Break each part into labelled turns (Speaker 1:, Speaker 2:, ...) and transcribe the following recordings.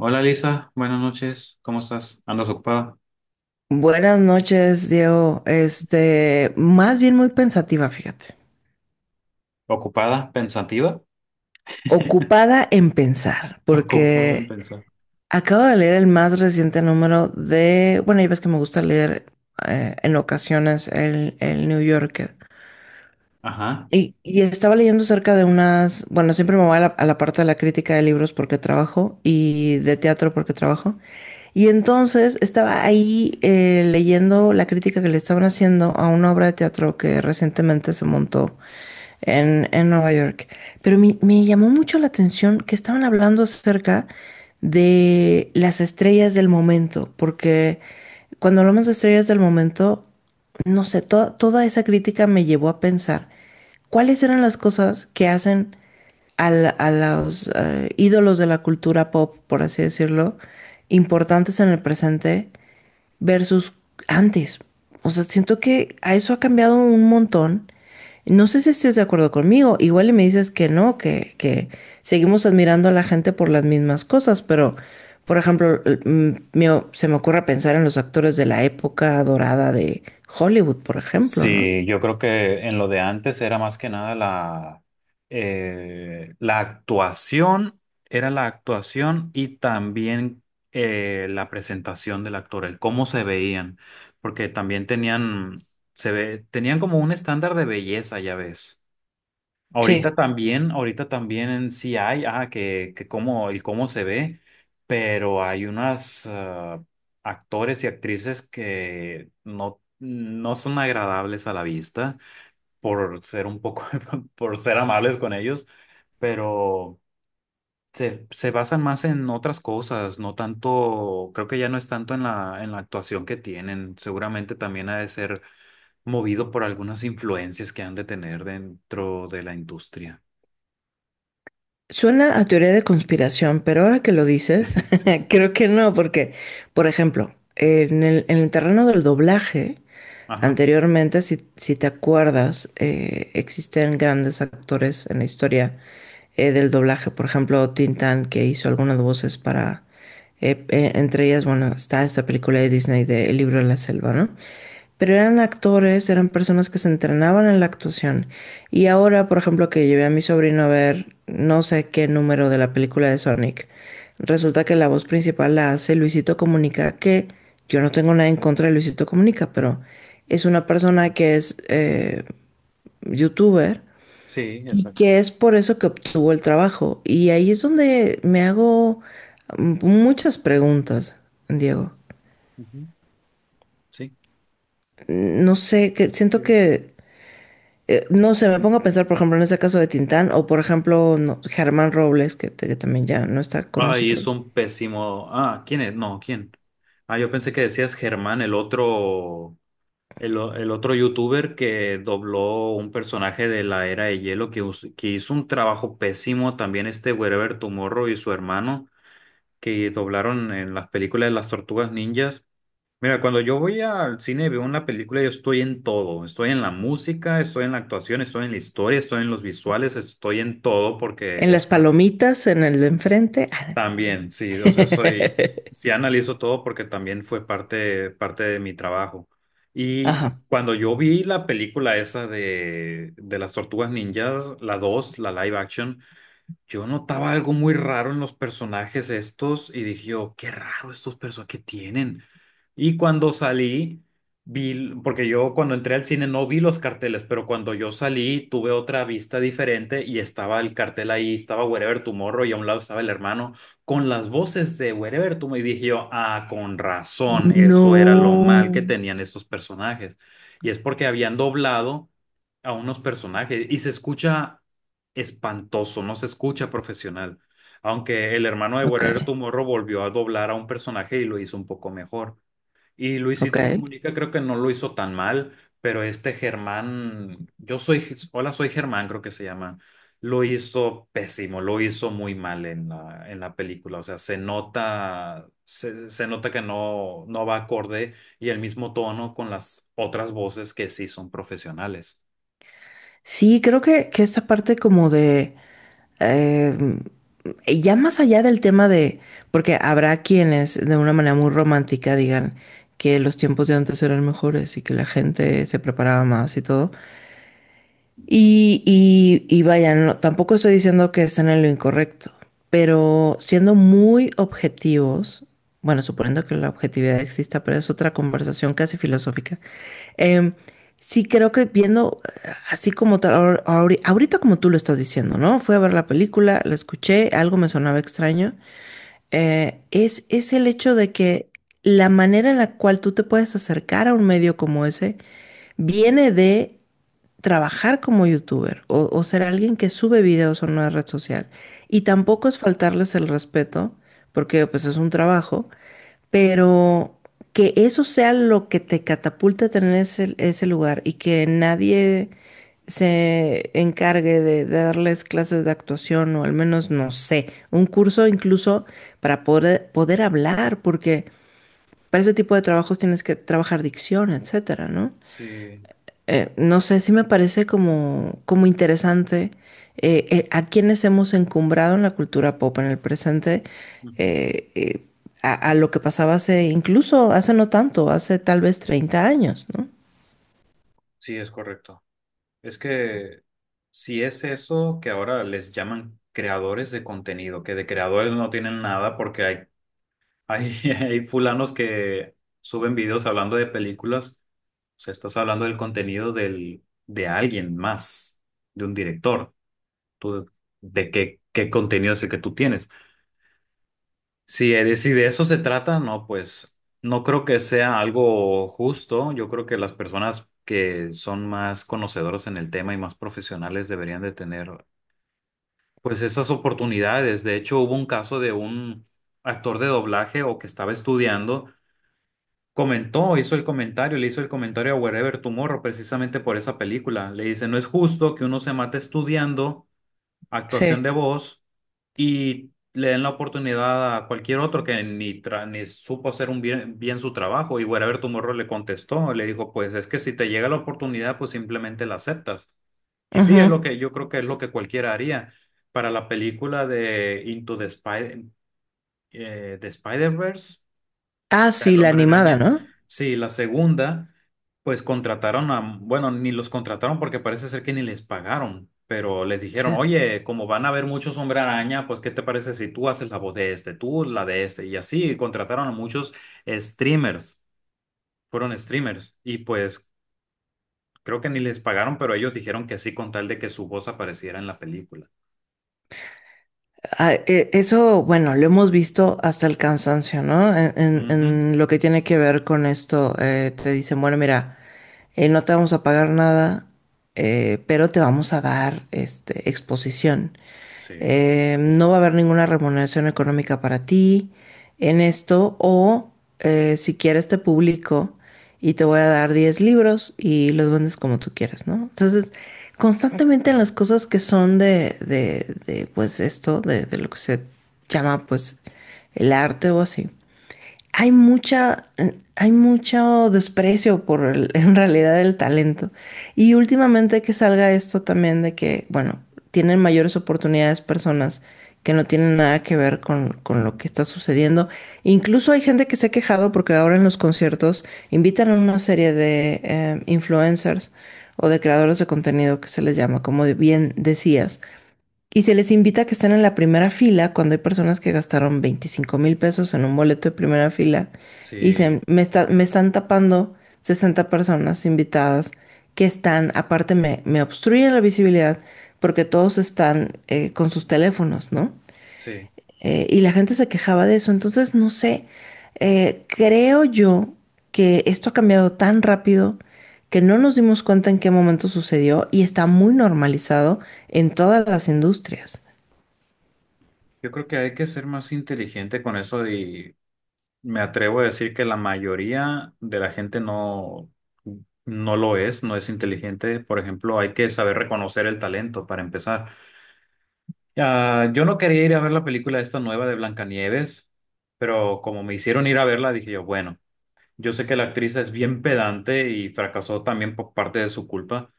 Speaker 1: Hola Lisa, buenas noches, ¿cómo estás? ¿Andas ocupada?
Speaker 2: Buenas noches, Diego. Más bien muy pensativa, fíjate.
Speaker 1: ¿Ocupada? ¿Pensativa?
Speaker 2: Ocupada en pensar,
Speaker 1: Ocupada en
Speaker 2: porque
Speaker 1: pensar.
Speaker 2: acabo de leer el más reciente número de, bueno, ya ves que me gusta leer en ocasiones el New Yorker.
Speaker 1: Ajá.
Speaker 2: Y estaba leyendo acerca de unas, bueno, siempre me voy a la parte de la crítica de libros porque trabajo y de teatro porque trabajo. Y entonces estaba ahí leyendo la crítica que le estaban haciendo a una obra de teatro que recientemente se montó en Nueva York. Pero me llamó mucho la atención que estaban hablando acerca de las estrellas del momento, porque cuando hablamos de estrellas del momento, no sé, toda esa crítica me llevó a pensar cuáles eran las cosas que hacen a los ídolos de la cultura pop, por así decirlo, importantes en el presente versus antes. O sea, siento que a eso ha cambiado un montón. No sé si estés de acuerdo conmigo. Igual y me dices que no, que seguimos admirando a la gente por las mismas cosas, pero, por ejemplo, se me ocurre pensar en los actores de la época dorada de Hollywood, por ejemplo, ¿no?
Speaker 1: Sí, yo creo que en lo de antes era más que nada la actuación, era la actuación y también la presentación del actor, el cómo se veían, porque también tenían, se ve, tenían como un estándar de belleza, ya ves.
Speaker 2: Sí.
Speaker 1: Ahorita también sí hay, ah, que cómo, el cómo se ve, pero hay unas ah, actores y actrices que no, no son agradables a la vista por ser un poco, por ser amables con ellos, pero se basan más en otras cosas, no tanto, creo que ya no es tanto en la actuación que tienen. Seguramente también ha de ser movido por algunas influencias que han de tener dentro de la industria.
Speaker 2: Suena a teoría de conspiración, pero ahora que lo dices,
Speaker 1: Sí.
Speaker 2: creo que no, porque, por ejemplo, en el terreno del doblaje.
Speaker 1: Ajá.
Speaker 2: Anteriormente, si te acuerdas, existen grandes actores en la historia del doblaje. Por ejemplo, Tintán, que hizo algunas voces para... entre ellas, bueno, está esta película de Disney de El libro de la selva, ¿no? Pero eran actores, eran personas que se entrenaban en la actuación. Y ahora, por ejemplo, que llevé a mi sobrino a ver no sé qué número de la película de Sonic, resulta que la voz principal la hace Luisito Comunica, que yo no tengo nada en contra de Luisito Comunica, pero es una persona que es youtuber
Speaker 1: Sí,
Speaker 2: y
Speaker 1: exacto.
Speaker 2: que es por eso que obtuvo el trabajo. Y ahí es donde me hago muchas preguntas, Diego.
Speaker 1: Ujú, sí.
Speaker 2: No sé, que siento
Speaker 1: Bien.
Speaker 2: que no sé, me pongo a pensar, por ejemplo, en ese caso de Tintán o, por ejemplo, no, Germán Robles, que, que también ya no está con
Speaker 1: Ay, es
Speaker 2: nosotros.
Speaker 1: un pésimo. Ah, ¿quién es? No, ¿quién? Ah, yo pensé que decías Germán, el otro, el otro youtuber que dobló un personaje de la Era de Hielo que, que hizo un trabajo pésimo. También este Wherever Tomorrow y su hermano que doblaron en las películas de las Tortugas Ninjas. Mira, cuando yo voy al cine y veo una película, yo estoy en todo. Estoy en la música, estoy en la actuación, estoy en la historia, estoy en los visuales, estoy en todo
Speaker 2: En
Speaker 1: porque
Speaker 2: las palomitas, en el de enfrente. Ah.
Speaker 1: también, sí, o sea, soy, sí analizo todo porque también fue parte de mi trabajo. Y
Speaker 2: Ajá.
Speaker 1: cuando yo vi la película esa de las Tortugas Ninjas, la dos, la live action, yo notaba algo muy raro en los personajes estos y dije yo, qué raro estos personajes que tienen. Y cuando salí, vi, porque yo cuando entré al cine no vi los carteles, pero cuando yo salí tuve otra vista diferente y estaba el cartel ahí, estaba Wherever Tomorrow y a un lado estaba el hermano con las voces de Wherever Tomorrow, y dije yo, ah, con razón, eso era lo mal que
Speaker 2: No.
Speaker 1: tenían estos personajes. Y es porque habían doblado a unos personajes y se escucha espantoso, no se escucha profesional. Aunque el hermano de
Speaker 2: Ok,
Speaker 1: Guerrero Tomorrow volvió a doblar a un personaje y lo hizo un poco mejor. Y
Speaker 2: ok.
Speaker 1: Luisito Comunica creo que no lo hizo tan mal, pero este Germán, yo soy, hola, soy Germán, creo que se llama, lo hizo pésimo, lo hizo muy mal en la película. O sea, se nota, se nota que no, no va acorde y el mismo tono con las otras voces que sí son profesionales.
Speaker 2: Sí, creo que esta parte como de... eh, ya más allá del tema de... Porque habrá quienes de una manera muy romántica digan que los tiempos de antes eran mejores y que la gente se preparaba más y todo. Y vaya, no, tampoco estoy diciendo que estén en lo incorrecto, pero siendo muy objetivos, bueno, suponiendo que la objetividad exista, pero es otra conversación casi filosófica. em, sí creo que viendo así como tal, ahorita como tú lo estás diciendo, ¿no? Fui a ver la película, la escuché, algo me sonaba extraño. Es el hecho de que la manera en la cual tú te puedes acercar a un medio como ese viene de trabajar como youtuber o ser alguien que sube videos a una red social. Y tampoco es faltarles el respeto, porque pues es un trabajo, pero que eso sea lo que te catapulta a tener ese lugar y que nadie se encargue de darles clases de actuación o al menos, no sé, un curso incluso para poder hablar, porque para ese tipo de trabajos tienes que trabajar dicción, etcétera, ¿no?
Speaker 1: Sí,
Speaker 2: No sé si me parece como, como interesante a quienes hemos encumbrado en la cultura pop en el presente,
Speaker 1: ujú,
Speaker 2: eh, eh, a lo que pasaba hace, incluso hace no tanto, hace tal vez 30 años, ¿no?
Speaker 1: sí, es correcto. Es que si es eso que ahora les llaman creadores de contenido, que de creadores no tienen nada porque hay fulanos que suben videos hablando de películas, o sea, estás hablando del contenido de alguien más, de un director. ¿Tú, de qué, qué contenido es el que tú tienes? Si, si de eso se trata, no, pues no creo que sea algo justo. Yo creo que las personas que son más conocedoras en el tema y más profesionales deberían de tener pues esas oportunidades. De hecho, hubo un caso de un actor de doblaje o que estaba estudiando, comentó, hizo el comentario, le hizo el comentario a Wherever Tomorrow precisamente por esa película. Le dice, no es justo que uno se mate estudiando actuación
Speaker 2: Sí.
Speaker 1: de voz y le den la oportunidad a cualquier otro que ni, ni supo hacer un bien su trabajo. Y Wherever Tomorrow le contestó, le dijo, pues es que si te llega la oportunidad, pues simplemente la aceptas. Y sí, es lo
Speaker 2: Ujú.
Speaker 1: que yo creo que es lo que cualquiera haría. Para la película de Into the Spider, the Spider-Verse,
Speaker 2: Ah, sí,
Speaker 1: el
Speaker 2: la
Speaker 1: Hombre
Speaker 2: animada,
Speaker 1: Araña.
Speaker 2: ¿no?
Speaker 1: Sí, la segunda, pues contrataron a, bueno, ni los contrataron porque parece ser que ni les pagaron, pero les dijeron,
Speaker 2: Sí.
Speaker 1: oye, como van a haber muchos Hombre Araña, pues ¿qué te parece si tú haces la voz de este, tú la de este? Y así contrataron a muchos streamers, fueron streamers, y pues creo que ni les pagaron, pero ellos dijeron que sí con tal de que su voz apareciera en la película.
Speaker 2: Ah, eso, bueno, lo hemos visto hasta el cansancio, ¿no? En,
Speaker 1: Ujú,
Speaker 2: en lo que tiene que ver con esto, te dicen, bueno, mira, no te vamos a pagar nada, pero te vamos a dar este, exposición.
Speaker 1: sí.
Speaker 2: No va a haber ninguna remuneración económica para ti en esto, o si quieres te publico y te voy a dar 10 libros y los vendes como tú quieras, ¿no? Entonces, constantemente en las cosas que son de pues esto, de lo que se llama pues el arte o así, hay mucha, hay mucho desprecio por en realidad el talento. Y últimamente que salga esto también de que, bueno, tienen mayores oportunidades personas que no tienen nada que ver con lo que está sucediendo. Incluso hay gente que se ha quejado porque ahora en los conciertos invitan a una serie de influencers o de creadores de contenido que se les llama, como bien decías y se les invita a que estén en la primera fila cuando hay personas que gastaron 25,000 pesos en un boleto de primera fila y dicen,
Speaker 1: Sí,
Speaker 2: me están tapando 60 personas invitadas que están, aparte me obstruyen la visibilidad porque todos están con sus teléfonos, ¿no?
Speaker 1: sí.
Speaker 2: Y la gente se quejaba de eso. Entonces, no sé, creo yo que esto ha cambiado tan rápido que no nos dimos cuenta en qué momento sucedió y está muy normalizado en todas las industrias.
Speaker 1: Yo creo que hay que ser más inteligente con eso. Y me atrevo a decir que la mayoría de la gente no, no lo es, no es inteligente. Por ejemplo, hay que saber reconocer el talento para empezar. Ah, yo no quería ir a ver la película esta nueva de Blancanieves, pero como me hicieron ir a verla, dije yo, bueno, yo sé que la actriz es bien pedante y fracasó también por parte de su culpa,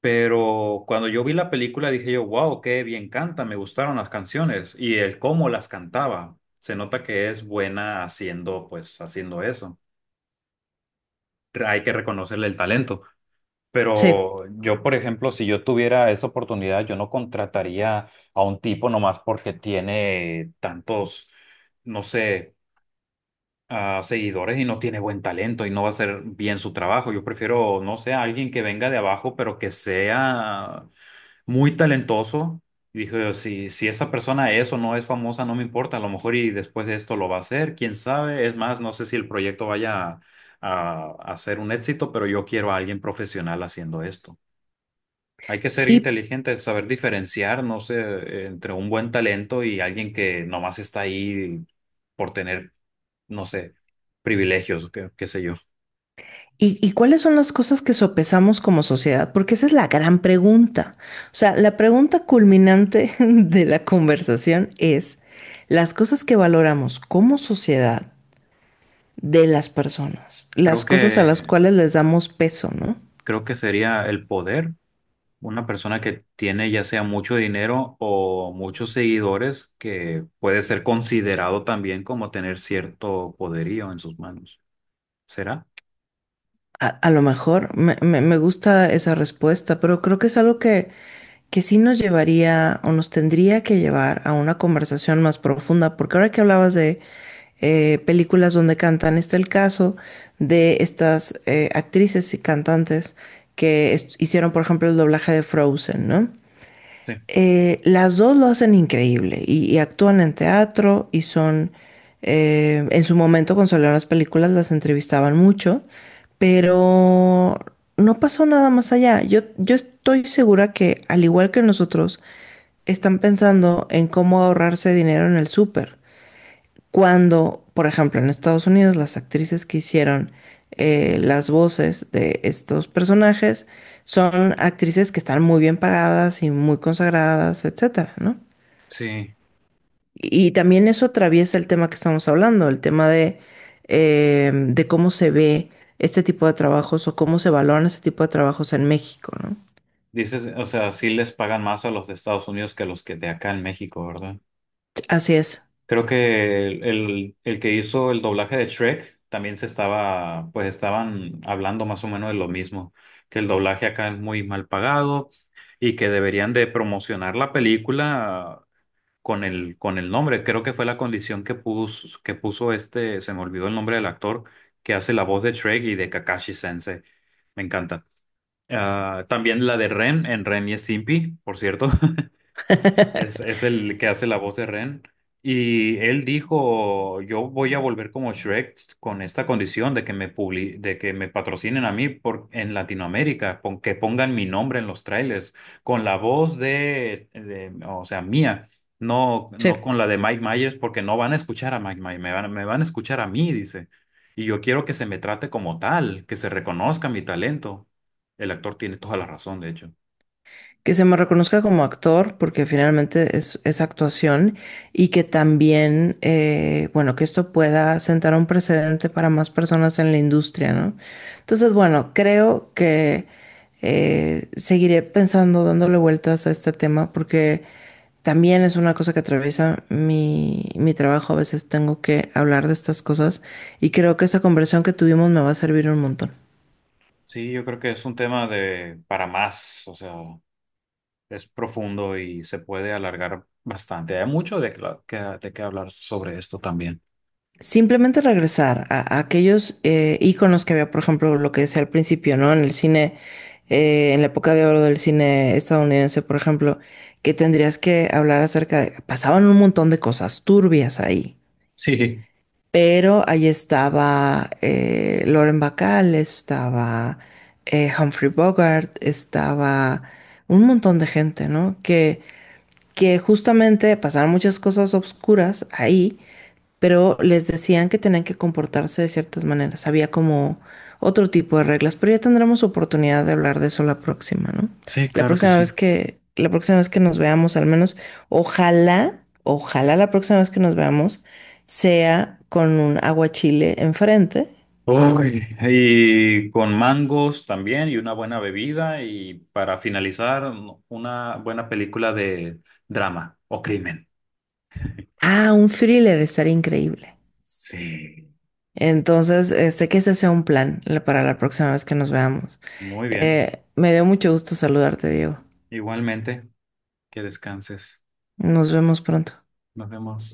Speaker 1: pero cuando yo vi la película dije yo, wow, qué bien canta, me gustaron las canciones y el cómo las cantaba. Se nota que es buena haciendo, pues, haciendo eso. Hay que reconocerle el talento.
Speaker 2: Sí,
Speaker 1: Pero yo, por ejemplo, si yo tuviera esa oportunidad, yo no contrataría a un tipo nomás porque tiene tantos, no sé, ah, seguidores y no tiene buen talento y no va a hacer bien su trabajo. Yo prefiero, no sé, a alguien que venga de abajo, pero que sea muy talentoso. Y dije, si, si esa persona es o no es famosa, no me importa, a lo mejor y después de esto lo va a hacer, quién sabe. Es más, no sé si el proyecto vaya a ser un éxito, pero yo quiero a alguien profesional haciendo esto. Hay que ser
Speaker 2: sí.
Speaker 1: inteligente, saber diferenciar, no sé, entre un buen talento y alguien que nomás está ahí por tener, no sé, privilegios, qué, qué sé yo.
Speaker 2: ¿Y cuáles son las cosas que sopesamos como sociedad? Porque esa es la gran pregunta. O sea, la pregunta culminante de la conversación es las cosas que valoramos como sociedad de las personas,
Speaker 1: Creo
Speaker 2: las cosas a las
Speaker 1: que,
Speaker 2: cuales les damos peso, ¿no?
Speaker 1: creo que sería el poder. Una persona que tiene ya sea mucho dinero o muchos seguidores que puede ser considerado también como tener cierto poderío en sus manos. ¿Será?
Speaker 2: A lo mejor me gusta esa respuesta, pero creo que es algo que sí nos llevaría o nos tendría que llevar a una conversación más profunda, porque ahora que hablabas de películas donde cantan, está el caso de estas actrices y cantantes que hicieron, por ejemplo, el doblaje de Frozen, ¿no?
Speaker 1: Sí.
Speaker 2: Las dos lo hacen increíble y actúan en teatro y son, en su momento cuando salieron las películas las entrevistaban mucho, pero no pasó nada más allá. Yo estoy segura que al igual que nosotros, están pensando en cómo ahorrarse dinero en el súper. Cuando, por ejemplo, en Estados Unidos, las actrices que hicieron las voces de estos personajes son actrices que están muy bien pagadas y muy consagradas, etcétera, ¿no?
Speaker 1: Sí.
Speaker 2: Y también eso atraviesa el tema que estamos hablando, el tema de cómo se ve este tipo de trabajos o cómo se valoran este tipo de trabajos en México, ¿no?
Speaker 1: Dices, o sea, sí les pagan más a los de Estados Unidos que a los que de acá en México, ¿verdad?
Speaker 2: Así es.
Speaker 1: Creo que el que hizo el doblaje de Shrek también se estaba, pues estaban hablando más o menos de lo mismo, que el doblaje acá es muy mal pagado y que deberían de promocionar la película con el nombre. Creo que fue la condición que puso este, se me olvidó el nombre del actor, que hace la voz de Shrek y de Kakashi Sensei. Me encanta. Ah, también la de Ren en Ren y Stimpy, por cierto es el que hace la voz de Ren. Y él dijo, yo voy a volver como Shrek con esta condición de que me de que me patrocinen a mí por en Latinoamérica, que pongan mi nombre en los trailers, con la voz o sea, mía, no,
Speaker 2: Sí.
Speaker 1: no con la de Mike Myers, porque no van a escuchar a Mike Myers, me van a escuchar a mí, dice. Y yo quiero que se me trate como tal, que se reconozca mi talento. El actor tiene toda la razón, de hecho.
Speaker 2: Que se me reconozca como actor, porque finalmente es actuación, y que también, bueno, que esto pueda sentar un precedente para más personas en la industria, ¿no? Entonces, bueno, creo que seguiré pensando, dándole vueltas a este tema, porque también es una cosa que atraviesa mi trabajo. A veces tengo que hablar de estas cosas y creo que esa conversación que tuvimos me va a servir un montón.
Speaker 1: Sí, yo creo que es un tema de para más, o sea, es profundo y se puede alargar bastante. Hay mucho de, de qué hablar sobre esto también.
Speaker 2: Simplemente regresar a aquellos íconos que había, por ejemplo, lo que decía al principio, ¿no? En el cine, en la época de oro del cine estadounidense, por ejemplo, que tendrías que hablar acerca de... Pasaban un montón de cosas turbias ahí,
Speaker 1: Sí,
Speaker 2: pero ahí estaba Lauren Bacall, estaba Humphrey Bogart, estaba un montón de gente, ¿no? Que justamente pasaron muchas cosas oscuras ahí pero les decían que tenían que comportarse de ciertas maneras. Había como otro tipo de reglas, pero ya tendremos oportunidad de hablar de eso la próxima, ¿no?
Speaker 1: sí,
Speaker 2: La
Speaker 1: claro que
Speaker 2: próxima
Speaker 1: sí.
Speaker 2: vez que, la próxima vez que nos veamos, al menos, ojalá, ojalá la próxima vez que nos veamos sea con un aguachile enfrente.
Speaker 1: Uy, y con mangos también y una buena bebida y para finalizar una buena película de drama o crimen.
Speaker 2: Ah, un thriller estaría increíble.
Speaker 1: Sí,
Speaker 2: Entonces, sé que ese sea un plan para la próxima vez que nos veamos.
Speaker 1: muy bien.
Speaker 2: Me dio mucho gusto saludarte, Diego.
Speaker 1: Igualmente, que descanses.
Speaker 2: Nos vemos pronto.
Speaker 1: Nos vemos.